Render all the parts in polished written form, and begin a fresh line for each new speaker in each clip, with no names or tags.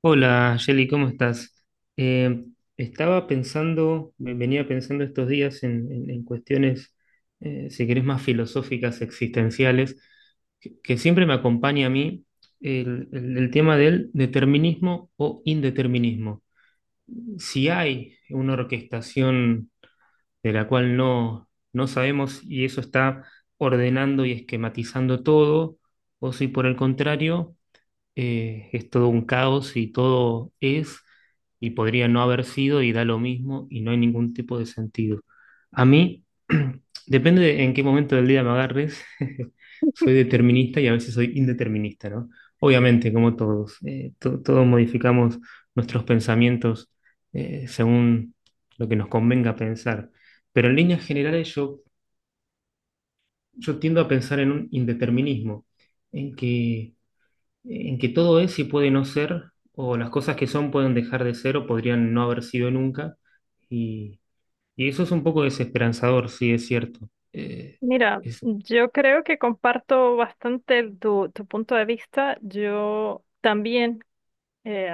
Hola, Jelly, ¿cómo estás? Eh, Estaba pensando, venía pensando estos días en cuestiones, si querés, más filosóficas, existenciales, que siempre me acompaña a mí el tema del determinismo o indeterminismo. Si hay una orquestación de la cual no sabemos y eso está ordenando y esquematizando todo, o si por el contrario es todo un caos y todo es y podría no haber sido y da lo mismo y no hay ningún tipo de sentido. A mí, depende de en qué momento del día me agarres, soy determinista y a veces soy indeterminista, ¿no? Obviamente, como todos, todos modificamos nuestros pensamientos según lo que nos convenga pensar. Pero en líneas generales yo tiendo a pensar en un indeterminismo, en que en que todo es y puede no ser, o las cosas que son pueden dejar de ser o podrían no haber sido nunca. Y, y eso es un poco desesperanzador, sí, es cierto.
Mira,
Es-
yo creo que comparto bastante tu punto de vista. Yo también eh,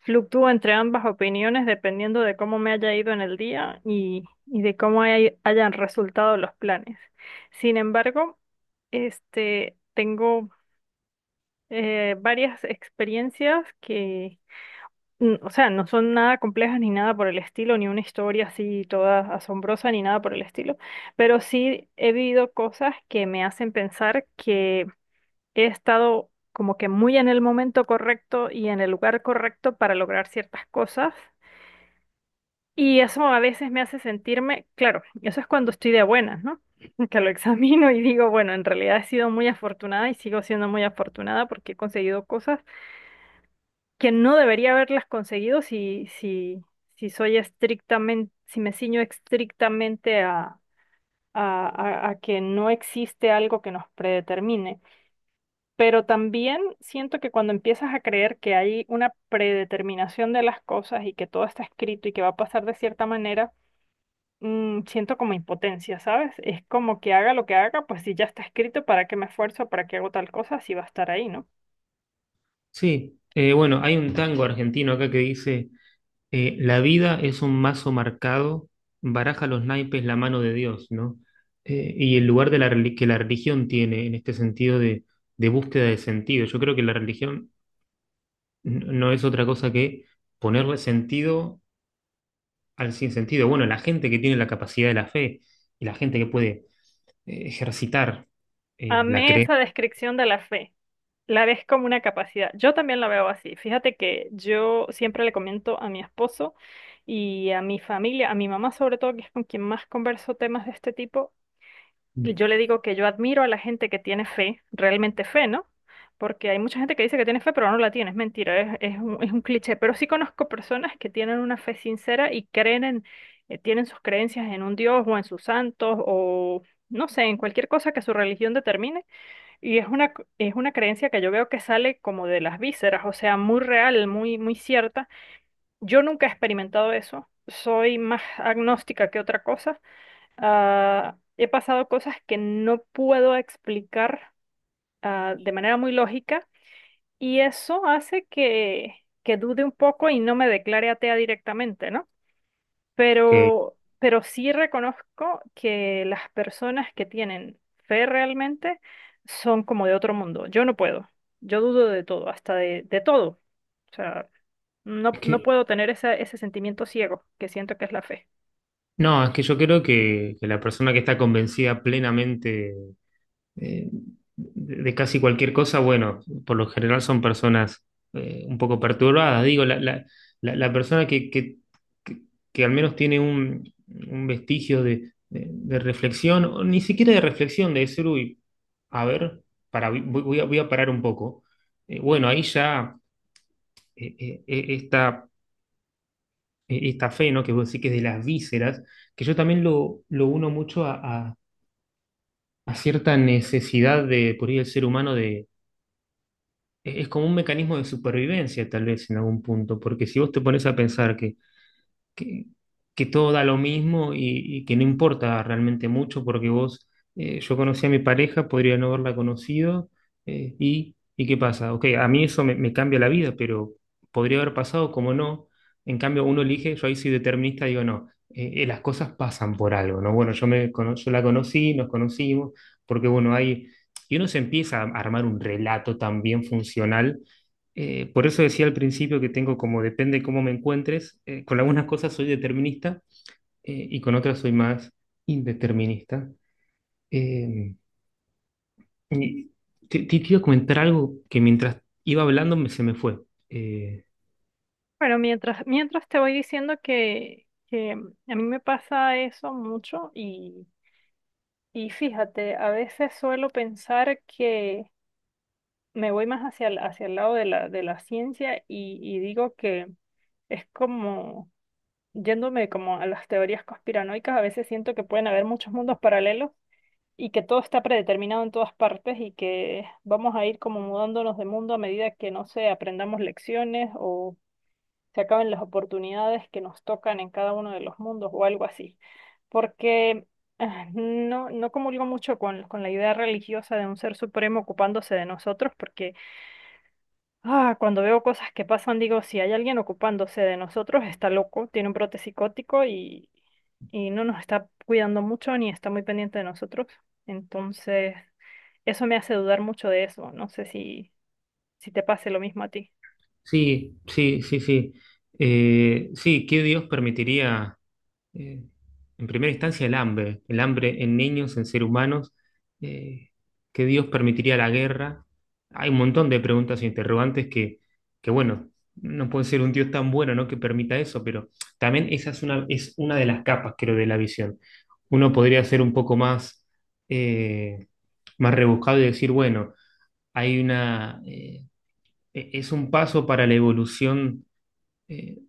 fluctúo entre ambas opiniones dependiendo de cómo me haya ido en el día y de cómo hayan resultado los planes. Sin embargo, este, tengo varias experiencias que, o sea, no son nada complejas ni nada por el estilo, ni una historia así toda asombrosa ni nada por el estilo, pero sí he vivido cosas que me hacen pensar que he estado como que muy en el momento correcto y en el lugar correcto para lograr ciertas cosas. Y eso a veces me hace sentirme, claro, eso es cuando estoy de buenas, ¿no? Que lo examino y digo, bueno, en realidad he sido muy afortunada y sigo siendo muy afortunada porque he conseguido cosas que no debería haberlas conseguido si soy estrictamente, si me ciño estrictamente a que no existe algo que nos predetermine. Pero también siento que cuando empiezas a creer que hay una predeterminación de las cosas y que todo está escrito y que va a pasar de cierta manera, siento como impotencia, ¿sabes? Es como que haga lo que haga, pues si ya está escrito, ¿para qué me esfuerzo? ¿Para qué hago tal cosa? Si va a estar ahí, ¿no?
sí. Bueno, hay un tango argentino acá que dice, la vida es un mazo marcado, baraja los naipes la mano de Dios, ¿no? Y el lugar de que la religión tiene en este sentido de búsqueda de sentido. Yo creo que la religión no es otra cosa que ponerle sentido al sinsentido. Bueno, la gente que tiene la capacidad de la fe y la gente que puede ejercitar la
Amé
creencia,
esa descripción de la fe. La ves como una capacidad. Yo también la veo así. Fíjate que yo siempre le comento a mi esposo y a mi familia, a mi mamá sobre todo, que es con quien más converso temas de este tipo, y yo le digo que yo admiro a la gente que tiene fe, realmente fe, ¿no? Porque hay mucha gente que dice que tiene fe, pero no la tiene, es mentira, es un cliché. Pero sí conozco personas que tienen una fe sincera y creen en, tienen sus creencias en un Dios o en sus santos o, no sé, en cualquier cosa que su religión determine y es es una creencia que yo veo que sale como de las vísceras, o sea, muy real, muy cierta. Yo nunca he experimentado eso, soy más agnóstica que otra cosa. He pasado cosas que no puedo explicar de manera muy lógica y eso hace que dude un poco y no me declare atea directamente, ¿no?
que,
Pero sí reconozco que las personas que tienen fe realmente son como de otro mundo. Yo no puedo. Yo dudo de todo, hasta de todo. O sea,
es
no
que-
puedo tener ese sentimiento ciego que siento que es la fe.
no, es que yo creo que la persona que está convencida plenamente eh, de casi cualquier cosa, bueno, por lo general son personas un poco perturbadas. Digo, la persona que- que al menos tiene un vestigio de reflexión, o ni siquiera de reflexión, de decir, uy, a ver, para, voy a parar un poco. Bueno, ahí ya eh, eh, eh, esta, esta fe, ¿no? Que vos decís que es de las vísceras, que yo también lo uno mucho a, a- a cierta necesidad de, por ahí, del ser humano. Es como un mecanismo de supervivencia, tal vez, en algún punto, porque si vos te pones a pensar que, que todo da lo mismo y que no importa realmente mucho, porque vos, yo conocí a mi pareja, podría no haberla conocido, ¿y qué pasa? Ok, a mí eso me cambia la vida, pero podría haber pasado como no. En cambio, uno elige, yo ahí soy determinista, digo, no, las cosas pasan por algo, ¿no? Bueno, yo la conocí, nos conocimos, porque bueno, hay... Y uno se empieza a armar un relato también funcional, por eso decía al principio que tengo como depende cómo me encuentres. Con algunas cosas soy determinista y con otras soy más indeterminista. Eh, y Te quiero comentar algo que mientras iba hablando se me fue. Eh,
Bueno, mientras te voy diciendo que a mí me pasa eso mucho y fíjate, a veces suelo pensar que me voy más hacia el lado de de la ciencia y digo que es como, yéndome como a las teorías conspiranoicas, a veces siento que pueden haber muchos mundos paralelos y que todo está predeterminado en todas partes y que vamos a ir como mudándonos de mundo a medida que, no sé, aprendamos lecciones o se acaben las oportunidades que nos tocan en cada uno de los mundos o algo así. Porque no comulgo mucho con la idea religiosa de un ser supremo ocupándose de nosotros, porque cuando veo cosas que pasan, digo, si hay alguien ocupándose de nosotros, está loco, tiene un brote psicótico y no nos está cuidando mucho ni está muy pendiente de nosotros. Entonces, eso me hace dudar mucho de eso. No sé si, si te pase lo mismo a ti.
sí, sí, sí, sí. Sí, ¿qué Dios permitiría? eh, en primera instancia el hambre en niños, en seres humanos, eh, que Dios permitiría la guerra. Hay un montón de preguntas e interrogantes bueno, no puede ser un Dios tan bueno, ¿no? Que permita eso, pero también esa es es una de las capas, creo, de la visión. Uno podría ser un poco más, eh, más rebuscado y decir, bueno, hay es un paso para la evolución. eh,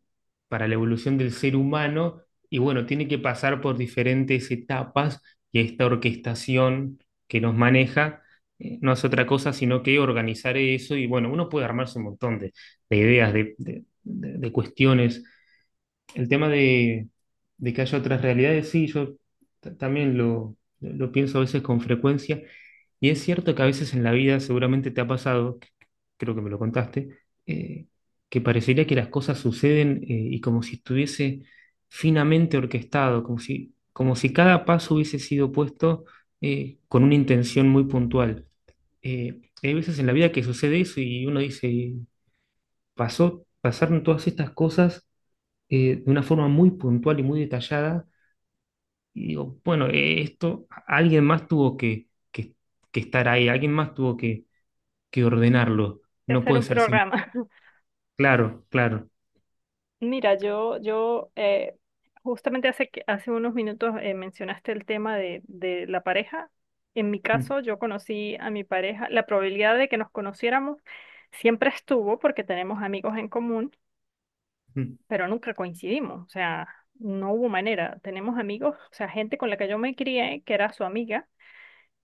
para la evolución del ser humano y bueno, tiene que pasar por diferentes etapas y esta orquestación que nos maneja no es otra cosa sino que organizar eso y bueno, uno puede armarse un montón de ideas, de cuestiones el tema de que haya otras realidades, sí, yo también lo pienso a veces con frecuencia. Y es cierto que a veces en la vida seguramente te ha pasado, creo que me lo contaste, eh, que parecería que las cosas suceden y como si estuviese finamente orquestado, como si cada paso hubiese sido puesto con una intención muy puntual. Hay veces en la vida que sucede eso y uno dice, pasó, pasaron todas estas cosas de una forma muy puntual y muy detallada. Y digo, bueno, esto alguien más tuvo que estar ahí, alguien más tuvo que ordenarlo.
De
No
hacer
puede
un
ser simple.
programa.
Claro, claro.
Mira, yo justamente hace, hace unos minutos mencionaste el tema de la pareja. En mi
Mm,
caso, yo conocí a mi pareja. La probabilidad de que nos conociéramos siempre estuvo porque tenemos amigos en común,
mm,
pero nunca coincidimos. O sea, no hubo manera. Tenemos amigos, o sea, gente con la que yo me crié, que era su amiga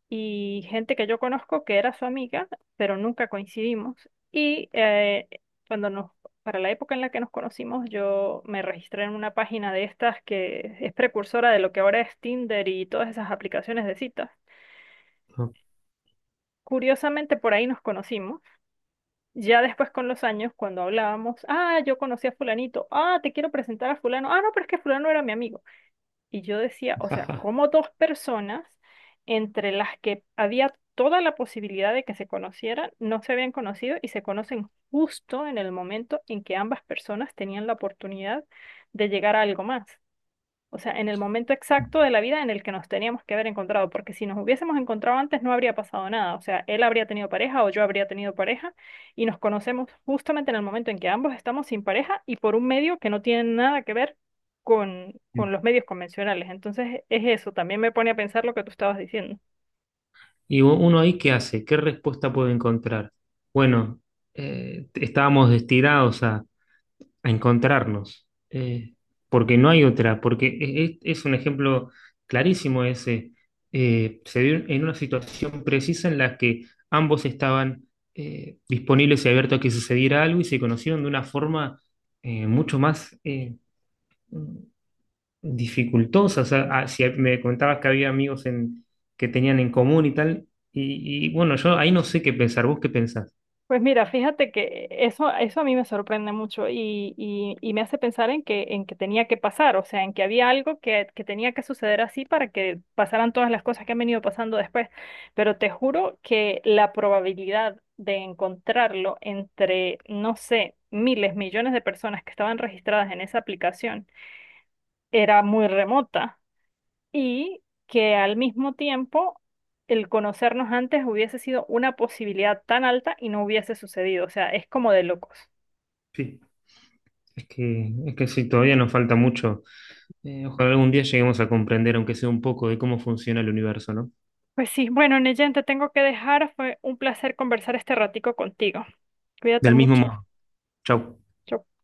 y gente que yo conozco que era su amiga, pero nunca coincidimos. Y cuando nos, para la época en la que nos conocimos, yo me registré en una página de estas que es precursora de lo que ahora es Tinder y todas esas aplicaciones de citas.
no.
Curiosamente, por ahí nos conocimos. Ya después con los años, cuando hablábamos, ah, yo conocí a fulanito, ah, te quiero presentar a fulano, ah, no, pero es que fulano era mi amigo. Y yo decía, o sea, como dos personas entre las que había toda la posibilidad de que se conocieran, no se habían conocido y se conocen justo en el momento en que ambas personas tenían la oportunidad de llegar a algo más. O sea, en el momento exacto de la vida en el que nos teníamos que haber encontrado, porque si nos hubiésemos encontrado antes no habría pasado nada. O sea, él habría tenido pareja o yo habría tenido pareja y nos conocemos justamente en el momento en que ambos estamos sin pareja y por un medio que no tiene nada que ver con los medios convencionales. Entonces, es eso, también me pone a pensar lo que tú estabas diciendo.
Y uno ahí, ¿qué hace? ¿Qué respuesta puede encontrar? Bueno, estábamos destinados a encontrarnos, porque no hay otra, porque es un ejemplo clarísimo ese. Se dio en una situación precisa en la que ambos estaban disponibles y abiertos a que sucediera algo y se conocieron de una forma mucho más dificultosa. O sea, ah, si me contabas que había amigos en, que tenían en común y tal, y bueno, yo ahí no sé qué pensar, ¿vos qué pensás?
Pues mira, fíjate que eso a mí me sorprende mucho y me hace pensar en que tenía que pasar, o sea, en que había algo que tenía que suceder así para que pasaran todas las cosas que han venido pasando después. Pero te juro que la probabilidad de encontrarlo entre, no sé, miles, millones de personas que estaban registradas en esa aplicación era muy remota y que al mismo tiempo el conocernos antes hubiese sido una posibilidad tan alta y no hubiese sucedido. O sea, es como de locos.
Sí, es que sí, todavía nos falta mucho. Ojalá algún día lleguemos a comprender, aunque sea un poco, de cómo funciona el universo, ¿no?
Pues sí, bueno, Neyen, te tengo que dejar. Fue un placer conversar este ratico contigo. Cuídate
Del mismo
mucho.
modo. Chau.
Chau,